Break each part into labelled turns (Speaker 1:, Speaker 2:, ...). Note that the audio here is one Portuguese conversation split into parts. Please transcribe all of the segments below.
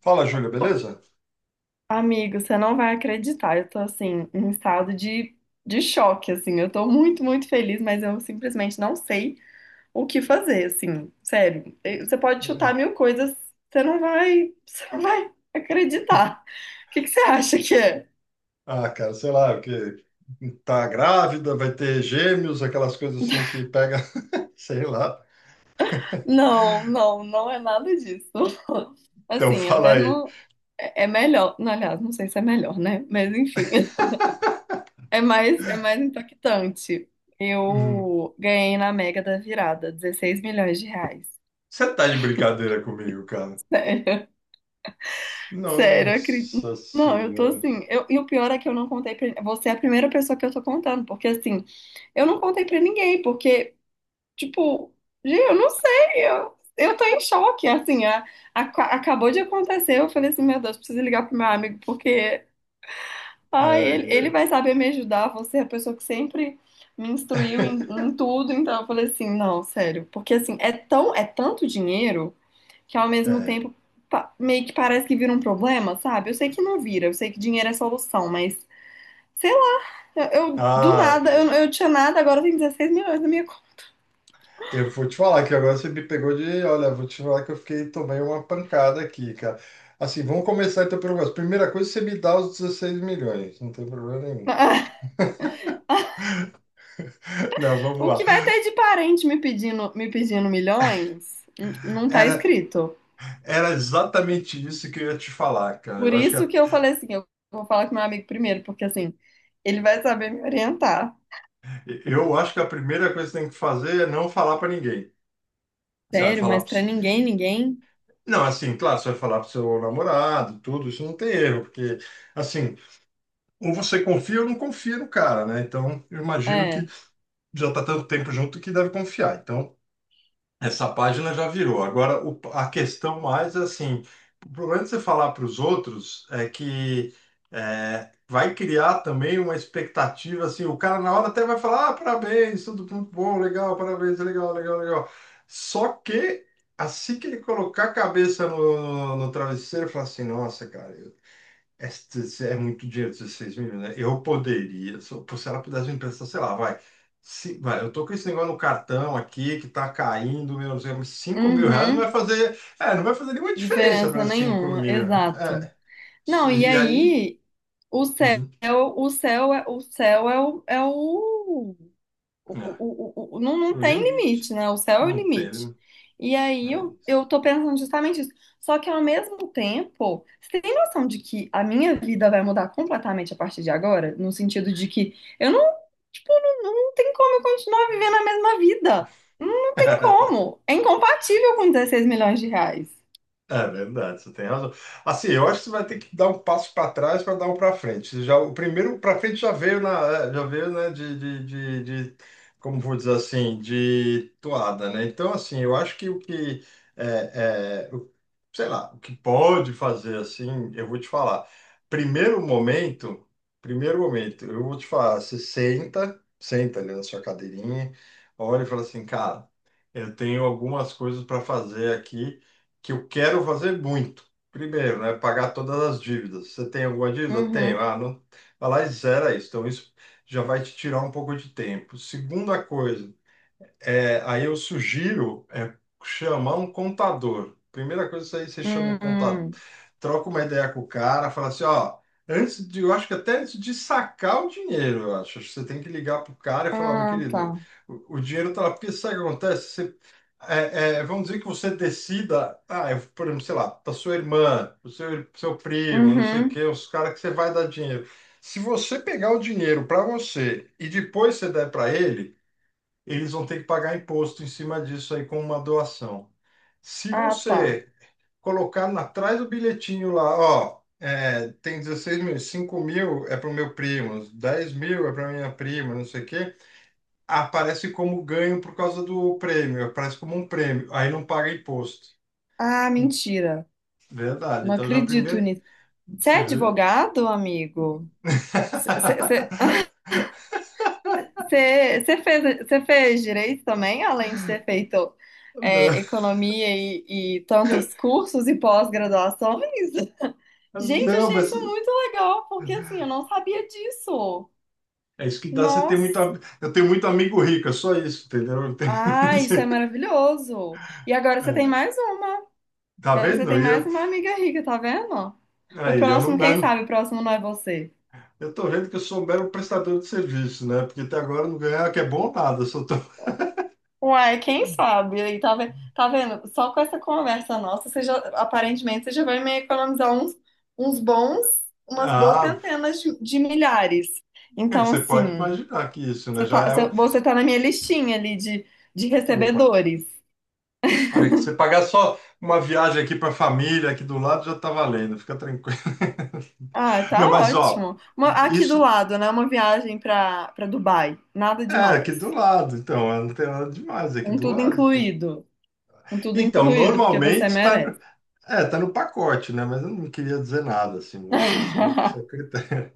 Speaker 1: Fala, Júlia, beleza?
Speaker 2: Amigo, você não vai acreditar. Eu tô assim, em um estado de choque, assim. Eu tô muito, muito feliz, mas eu simplesmente não sei o que fazer, assim. Sério, você pode chutar
Speaker 1: É.
Speaker 2: mil coisas, você não vai acreditar. O que que você acha que é?
Speaker 1: Ah, cara, sei lá, porque tá grávida, vai ter gêmeos, aquelas coisas assim que pega, sei lá.
Speaker 2: Não, não, não é nada disso.
Speaker 1: Então
Speaker 2: Assim,
Speaker 1: fala
Speaker 2: até
Speaker 1: aí.
Speaker 2: não. É melhor. Não, aliás, não sei se é melhor, né? Mas enfim. É mais impactante.
Speaker 1: Hum.
Speaker 2: Eu ganhei na Mega da Virada 16 milhões de reais.
Speaker 1: Você tá de brincadeira comigo, cara?
Speaker 2: Sério, sério, acredito.
Speaker 1: Nossa
Speaker 2: Não, eu tô
Speaker 1: senhora.
Speaker 2: assim. E o pior é que eu não contei pra. Você é a primeira pessoa que eu tô contando, porque assim, eu não contei pra ninguém, porque, tipo, gente, eu não sei, eu tô em choque. Assim, acabou de acontecer. Eu falei assim, meu Deus, preciso ligar pro meu amigo, porque ai, ele
Speaker 1: É,
Speaker 2: vai saber me ajudar. Você é a pessoa que sempre me instruiu em,
Speaker 1: é.
Speaker 2: em tudo. Então eu falei assim, não, sério. Porque assim, é tanto dinheiro que ao mesmo
Speaker 1: é.
Speaker 2: tempo meio que parece que vira um problema, sabe? Eu sei que não vira, eu sei que dinheiro é solução, mas sei lá, eu, do
Speaker 1: Ah,
Speaker 2: nada, eu,
Speaker 1: Júlia.
Speaker 2: eu tinha nada, agora tem 16 milhões na minha conta.
Speaker 1: Eu vou te falar que agora você me pegou de. Olha, vou te falar que eu fiquei, tomei uma pancada aqui, cara. Assim, vamos começar então pelo negócio. Primeira coisa, você me dá os 16 milhões, não tem problema nenhum. Não, vamos
Speaker 2: O
Speaker 1: lá.
Speaker 2: que vai ter de parente me pedindo milhões, não tá
Speaker 1: Era,
Speaker 2: escrito.
Speaker 1: era exatamente isso que eu ia te falar, cara.
Speaker 2: Por
Speaker 1: Eu acho que
Speaker 2: isso
Speaker 1: a,
Speaker 2: que eu falei assim, eu vou falar com meu amigo primeiro, porque assim, ele vai saber me orientar.
Speaker 1: eu acho que a primeira coisa que você tem que fazer é não falar pra ninguém. Você vai
Speaker 2: Sério,
Speaker 1: falar
Speaker 2: mas
Speaker 1: para.
Speaker 2: pra ninguém, ninguém.
Speaker 1: Não, assim, claro, você vai falar pro seu namorado, tudo, isso não tem erro, porque, assim, ou você confia ou não confia no cara, né? Então, eu imagino que
Speaker 2: É.
Speaker 1: já tá tanto tempo junto que deve confiar. Então, essa página já virou. Agora, a questão mais é assim, o problema de você falar para os outros é que vai criar também uma expectativa, assim, o cara na hora até vai falar, ah, parabéns, tudo muito bom, legal, parabéns, legal, legal, legal. Só que assim que ele colocar a cabeça no travesseiro, fala assim, nossa, cara, este é muito dinheiro, 16 milhões, né? Eu poderia, se ela pudesse me emprestar, sei lá, vai. Se, vai, eu tô com esse negócio no cartão aqui que tá caindo, meu Deus, mas 5 mil reais não vai
Speaker 2: Uhum.
Speaker 1: fazer, não vai fazer nenhuma diferença
Speaker 2: Diferença
Speaker 1: para 5
Speaker 2: nenhuma,
Speaker 1: mil.
Speaker 2: exato.
Speaker 1: É,
Speaker 2: Não, e
Speaker 1: e aí,
Speaker 2: aí, o céu,
Speaker 1: uhum,
Speaker 2: o, é
Speaker 1: é,
Speaker 2: o- não, não
Speaker 1: o
Speaker 2: tem
Speaker 1: limite,
Speaker 2: limite, né? O céu é o
Speaker 1: não tem,
Speaker 2: limite.
Speaker 1: né?
Speaker 2: E aí
Speaker 1: É
Speaker 2: eu,
Speaker 1: isso.
Speaker 2: eu tô pensando justamente isso. Só que ao mesmo tempo, você tem noção de que a minha vida vai mudar completamente a partir de agora? No sentido de que eu não, tipo, não, não tem como eu continuar vivendo a mesma vida. Não, não tem como. É incompatível com 16 milhões de reais.
Speaker 1: É verdade, você tem razão. Assim, eu acho que você vai ter que dar um passo para trás para dar um para frente. Já, o primeiro para frente já veio na, já veio, né, de como vou dizer assim, de toada, né? Então, assim, eu acho que o que é, é, o- sei lá, o que pode fazer assim, eu vou te falar. Primeiro momento, primeiro momento, eu vou te falar, você senta, senta ali na sua cadeirinha, olha e fala assim, cara, eu tenho algumas coisas para fazer aqui que eu quero fazer muito. Primeiro, né? Pagar todas as dívidas. Você tem alguma dívida? Tenho.
Speaker 2: Uhum.
Speaker 1: Ah, não. Vai lá e zera isso. Então, isso já vai te tirar um pouco de tempo. Segunda coisa. Aí eu sugiro chamar um contador. Primeira coisa, isso aí você chama o contador,
Speaker 2: Hum.
Speaker 1: troca uma ideia com o cara, fala assim, ó, antes de, eu acho que até antes de sacar o dinheiro, eu acho, acho que você tem que ligar pro cara e falar, "Ó, meu
Speaker 2: Ah,
Speaker 1: querido,
Speaker 2: tá.
Speaker 1: o dinheiro tá lá, porque sabe o que acontece? Você, vamos dizer que você decida, ah, eu, por exemplo, sei lá, pra sua irmã, pro seu primo, não sei o
Speaker 2: Uhum.
Speaker 1: quê, os caras que você vai dar dinheiro. Se você pegar o dinheiro para você e depois você der para ele eles vão ter que pagar imposto em cima disso aí com uma doação. Se
Speaker 2: Ah, tá.
Speaker 1: você colocar atrás do bilhetinho lá, ó, é, tem 16 mil, 5 mil é para o meu primo, 10 mil é para minha prima, não sei o quê, aparece como ganho por causa do prêmio, aparece como um prêmio, aí não paga imposto.
Speaker 2: Ah, mentira.
Speaker 1: Verdade,
Speaker 2: Não
Speaker 1: então já
Speaker 2: acredito.
Speaker 1: primeiro,
Speaker 2: Você é
Speaker 1: você vê?
Speaker 2: advogado, amigo? Você fez, cê fez direito também, além de ter feito economia e tantos cursos e pós-graduações?
Speaker 1: Não,
Speaker 2: Gente, eu
Speaker 1: não,
Speaker 2: achei
Speaker 1: mas
Speaker 2: isso muito legal, porque assim, eu não sabia disso.
Speaker 1: é isso que dá você ter muito.
Speaker 2: Nossa!
Speaker 1: Eu tenho muito amigo rico, é só isso, entendeu? Eu.
Speaker 2: Ah, isso é maravilhoso! E agora você tem mais uma.
Speaker 1: Tá
Speaker 2: Agora você
Speaker 1: vendo?
Speaker 2: tem
Speaker 1: E
Speaker 2: mais
Speaker 1: Eu
Speaker 2: uma amiga rica, tá vendo? O
Speaker 1: Aí, eu não, eu
Speaker 2: próximo, quem
Speaker 1: não-
Speaker 2: sabe, o próximo não é você.
Speaker 1: eu tô vendo que eu sou um mero prestador de serviço, né? Porque até agora eu não ganhava que é bom nada. Eu Só tô...
Speaker 2: Uai, quem sabe? Aí tá, tá vendo? Só com essa conversa nossa, aparentemente você já vai me economizar uns bons, umas boas
Speaker 1: Ah,
Speaker 2: centenas de milhares.
Speaker 1: é,
Speaker 2: Então,
Speaker 1: você pode
Speaker 2: assim,
Speaker 1: imaginar que isso, né?
Speaker 2: você tá,
Speaker 1: Já é
Speaker 2: você
Speaker 1: o.
Speaker 2: você tá na minha listinha ali de
Speaker 1: Opa.
Speaker 2: recebedores.
Speaker 1: Olha, que você pagar só uma viagem aqui pra família, aqui do lado, já tá valendo, fica tranquilo.
Speaker 2: Ah, tá
Speaker 1: Não, mas ó,
Speaker 2: ótimo. Aqui do
Speaker 1: isso
Speaker 2: lado, né? Uma viagem para Dubai. Nada
Speaker 1: é aqui
Speaker 2: demais.
Speaker 1: do lado, então, não tem nada demais é aqui
Speaker 2: Um
Speaker 1: do
Speaker 2: tudo
Speaker 1: lado. Pô.
Speaker 2: incluído. Um tudo
Speaker 1: Então,
Speaker 2: incluído, porque você
Speaker 1: normalmente tá,
Speaker 2: merece.
Speaker 1: tá no pacote, né? Mas eu não queria dizer nada, assim, vou deixar só isso com o secretário.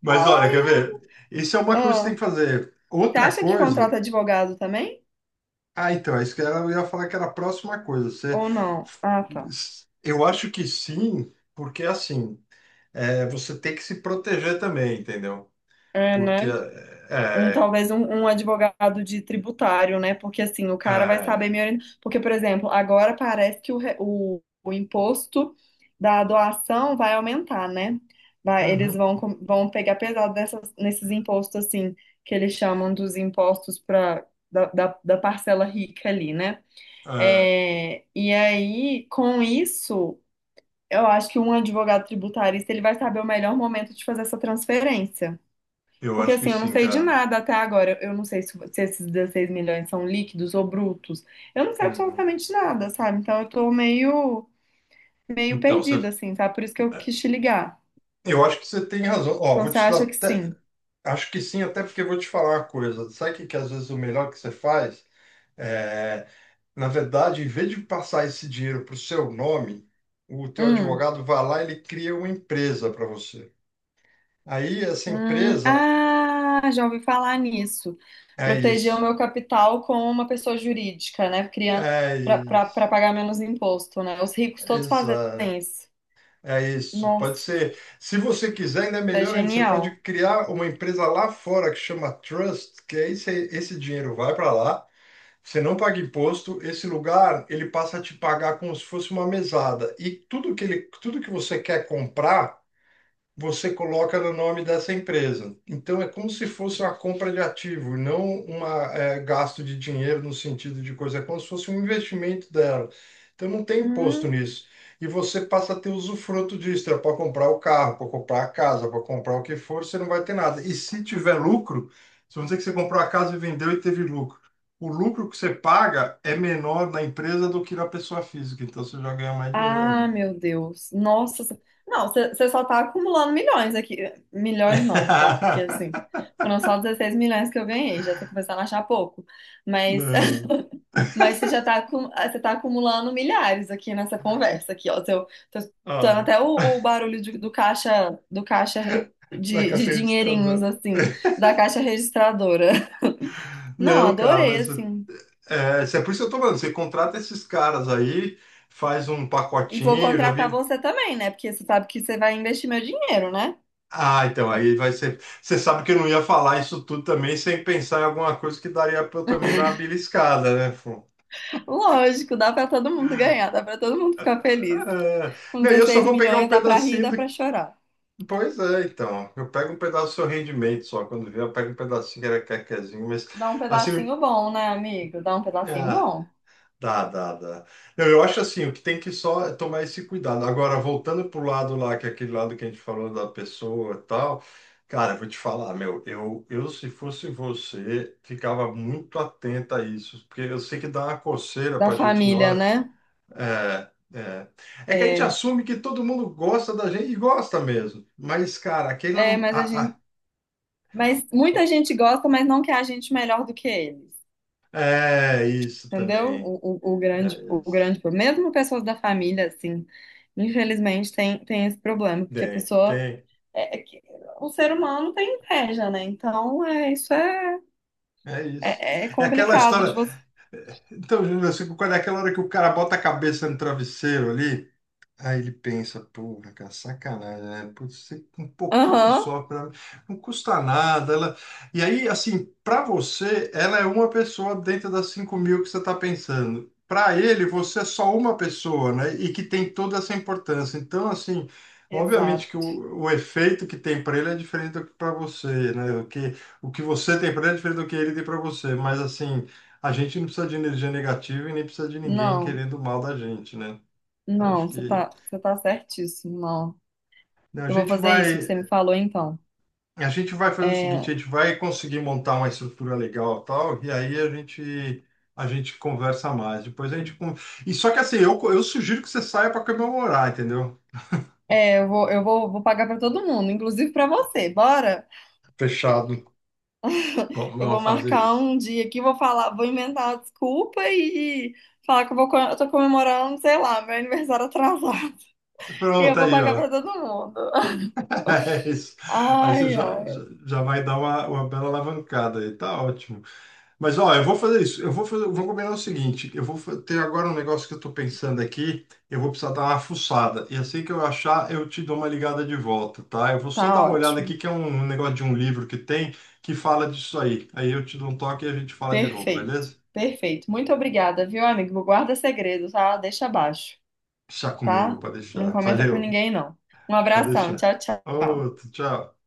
Speaker 1: Mas olha, quer
Speaker 2: Ai,
Speaker 1: ver? Isso é uma coisa que você
Speaker 2: ah,
Speaker 1: tem que fazer.
Speaker 2: você
Speaker 1: Outra
Speaker 2: acha que
Speaker 1: coisa.
Speaker 2: contrata advogado também?
Speaker 1: Ah, então, é isso eu ia falar que era a próxima coisa. Você,
Speaker 2: Ou não? Ah, tá.
Speaker 1: eu acho que sim, porque assim, é, você tem que se proteger também, entendeu?
Speaker 2: É,
Speaker 1: Porque
Speaker 2: né? Um,
Speaker 1: é,
Speaker 2: talvez um, um advogado de tributário, né? Porque assim, o
Speaker 1: é,
Speaker 2: cara vai saber
Speaker 1: é,
Speaker 2: me orientar. Porque, por exemplo, agora parece que o imposto da doação vai aumentar, né? Vai, eles
Speaker 1: uhum,
Speaker 2: vão, vão pegar pesado nesses impostos, assim, que eles chamam dos impostos da parcela rica ali, né?
Speaker 1: é,
Speaker 2: É, e aí, com isso, eu acho que um advogado tributarista ele vai saber o melhor momento de fazer essa transferência.
Speaker 1: eu
Speaker 2: Porque
Speaker 1: acho que
Speaker 2: assim, eu não
Speaker 1: sim,
Speaker 2: sei de
Speaker 1: cara.
Speaker 2: nada até agora. Eu não sei se, se esses 16 milhões são líquidos ou brutos. Eu não sei
Speaker 1: Uhum.
Speaker 2: absolutamente nada, sabe? Então eu tô meio, meio
Speaker 1: Então, você,
Speaker 2: perdida, assim, tá? Por isso que eu
Speaker 1: é,
Speaker 2: quis te ligar.
Speaker 1: eu acho que você tem razão. Ó,
Speaker 2: Então
Speaker 1: vou
Speaker 2: você
Speaker 1: te dar
Speaker 2: acha que
Speaker 1: até,
Speaker 2: sim?
Speaker 1: acho que sim, até porque eu vou te falar uma coisa. Sabe o que, que às vezes o melhor que você faz? É. Na verdade, em vez de passar esse dinheiro para o seu nome, o teu
Speaker 2: Hum,
Speaker 1: advogado vai lá e ele cria uma empresa para você. Aí essa empresa
Speaker 2: ah, já ouvi falar nisso.
Speaker 1: é
Speaker 2: Proteger o
Speaker 1: isso.
Speaker 2: meu capital com uma pessoa jurídica, né? Criando
Speaker 1: É isso.
Speaker 2: para pagar menos imposto, né? Os ricos todos fazem
Speaker 1: Exato.
Speaker 2: isso.
Speaker 1: É isso.
Speaker 2: Nossa,
Speaker 1: Pode ser. Se você quiser, ainda é
Speaker 2: é
Speaker 1: melhor ainda. Você pode
Speaker 2: genial.
Speaker 1: criar uma empresa lá fora que chama Trust, que aí esse dinheiro vai para lá. Você não paga imposto, esse lugar ele passa a te pagar como se fosse uma mesada. E tudo que você quer comprar você coloca no nome dessa empresa. Então, é como se fosse uma compra de ativo, não uma gasto de dinheiro no sentido de coisa, é como se fosse um investimento dela. Então, não tem imposto
Speaker 2: Hum.
Speaker 1: nisso. E você passa a ter usufruto disso, é para comprar o carro, para comprar a casa, para comprar o que for, você não vai ter nada. E se tiver lucro, se vamos dizer que você comprou a casa e vendeu e teve lucro, o lucro que você paga é menor na empresa do que na pessoa física, então você já ganha mais dinheiro
Speaker 2: Ah,
Speaker 1: ainda.
Speaker 2: meu Deus. Nossa. Não, você só tá acumulando milhões aqui. Milhões não, tá? Porque assim, foram só 16 milhões que eu ganhei. Já tô começando a achar pouco. Mas
Speaker 1: Não.
Speaker 2: mas você já tá, ah, você tá acumulando milhares aqui nessa conversa aqui, ó. Seu, tô escutando
Speaker 1: Ah,
Speaker 2: até o barulho do caixa
Speaker 1: na
Speaker 2: de
Speaker 1: caixinha de stand.
Speaker 2: dinheirinhos, assim, da caixa registradora. Não,
Speaker 1: Não, cara,
Speaker 2: adorei,
Speaker 1: mas
Speaker 2: assim.
Speaker 1: é, isso é por isso que eu tô falando. Você contrata esses caras aí, faz um
Speaker 2: E vou
Speaker 1: pacotinho, já
Speaker 2: contratar
Speaker 1: vi.
Speaker 2: você também, né? Porque você sabe que você vai investir meu dinheiro, né?
Speaker 1: Ah, então, aí vai ser. Você sabe que eu não ia falar isso tudo também sem pensar em alguma coisa que daria pra eu também dar uma beliscada, né? Fô?
Speaker 2: Lógico, dá pra todo mundo ganhar, dá pra todo mundo ficar feliz.
Speaker 1: Ah,
Speaker 2: Com
Speaker 1: não, e eu só
Speaker 2: 16
Speaker 1: vou pegar um
Speaker 2: milhões dá pra rir,
Speaker 1: pedacinho
Speaker 2: dá
Speaker 1: do.
Speaker 2: pra chorar.
Speaker 1: Pois é, então. Eu pego um pedaço do seu rendimento só. Quando vier, eu pego um pedacinho que era quequezinho, mas
Speaker 2: Dá um
Speaker 1: assim.
Speaker 2: pedacinho bom, né, amigo? Dá um pedacinho
Speaker 1: ah,
Speaker 2: bom
Speaker 1: Dá, dá, dá. Não, eu acho assim, o que tem que só é tomar esse cuidado. Agora, voltando pro lado lá, que é aquele lado que a gente falou da pessoa e tal, cara, eu vou te falar, eu se fosse você, ficava muito atenta a isso, porque eu sei que dá uma coceira
Speaker 2: da
Speaker 1: pra gente na
Speaker 2: família,
Speaker 1: hora.
Speaker 2: né?
Speaker 1: É, é. É que a gente
Speaker 2: É,
Speaker 1: assume que todo mundo gosta da gente e gosta mesmo. Mas, cara, aquele não.
Speaker 2: mas a gente, mas muita gente gosta, mas não quer a gente melhor do que eles,
Speaker 1: É isso
Speaker 2: entendeu?
Speaker 1: também.
Speaker 2: O, o, o grande,
Speaker 1: É
Speaker 2: o
Speaker 1: isso.
Speaker 2: grande, problema, mesmo pessoas da família, assim, infelizmente tem esse problema, porque a
Speaker 1: Tem,
Speaker 2: pessoa
Speaker 1: tem.
Speaker 2: é que o ser humano tem inveja, né? Então, isso é,
Speaker 1: É isso.
Speaker 2: é, é
Speaker 1: É aquela
Speaker 2: complicado de
Speaker 1: história.
Speaker 2: você.
Speaker 1: Então, Júnior, eu fico com aquela hora que o cara bota a cabeça no travesseiro ali. Aí ele pensa, porra, cara, sacanagem, né? Putz, um pouquinho
Speaker 2: Aham.
Speaker 1: só, para não custa nada. Ela... E aí, assim, para você, ela é uma pessoa dentro das 5 mil que você está pensando. Para ele, você é só uma pessoa, né? E que tem toda essa importância. Então, assim, obviamente que
Speaker 2: Exato.
Speaker 1: o efeito que tem para ele é diferente do que para você, né? O que você tem para ele é diferente do que ele tem para você. Mas, assim, a gente não precisa de energia negativa e nem precisa de ninguém
Speaker 2: Não,
Speaker 1: querendo mal da gente, né? Então,
Speaker 2: não,
Speaker 1: acho que
Speaker 2: você tá certíssimo, não.
Speaker 1: não, A
Speaker 2: Eu vou
Speaker 1: gente
Speaker 2: fazer isso que
Speaker 1: vai,
Speaker 2: você me falou, então.
Speaker 1: a gente vai fazer o seguinte,
Speaker 2: É,
Speaker 1: a gente vai conseguir montar uma estrutura legal, e tal, e aí a gente conversa mais. Depois a gente con- E só que assim, eu sugiro que você saia para comemorar, entendeu?
Speaker 2: eu vou, vou pagar pra todo mundo, inclusive pra você. Bora?
Speaker 1: Fechado. Como
Speaker 2: Eu vou
Speaker 1: vamos fazer
Speaker 2: marcar
Speaker 1: isso?
Speaker 2: um dia aqui, vou falar, vou inventar uma desculpa e falar que eu tô comemorando, sei lá, meu aniversário atrasado. E eu
Speaker 1: Pronto
Speaker 2: vou
Speaker 1: aí,
Speaker 2: pagar
Speaker 1: ó.
Speaker 2: pra todo mundo.
Speaker 1: É isso. Aí você
Speaker 2: Ai,
Speaker 1: já, já,
Speaker 2: ai.
Speaker 1: já vai dar uma bela alavancada aí, tá ótimo. Mas ó, eu vou fazer isso. Eu vou fazer, vou combinar o seguinte, ter agora um negócio que eu tô pensando aqui, eu vou precisar dar uma fuçada. E assim que eu achar, eu te dou uma ligada de volta, tá? Eu vou só dar
Speaker 2: Tá
Speaker 1: uma olhada aqui
Speaker 2: ótimo.
Speaker 1: que é um negócio de um livro que tem que fala disso aí. Aí eu te dou um toque e a gente fala de novo,
Speaker 2: Perfeito.
Speaker 1: beleza?
Speaker 2: Perfeito. Muito obrigada, viu, amigo? Guarda segredo, tá? Deixa abaixo.
Speaker 1: Deixa comigo,
Speaker 2: Tá?
Speaker 1: pode
Speaker 2: Não
Speaker 1: deixar.
Speaker 2: comenta com
Speaker 1: Valeu,
Speaker 2: ninguém, não. Um
Speaker 1: pode
Speaker 2: abração,
Speaker 1: deixar.
Speaker 2: tchau, tchau.
Speaker 1: Outro, tchau.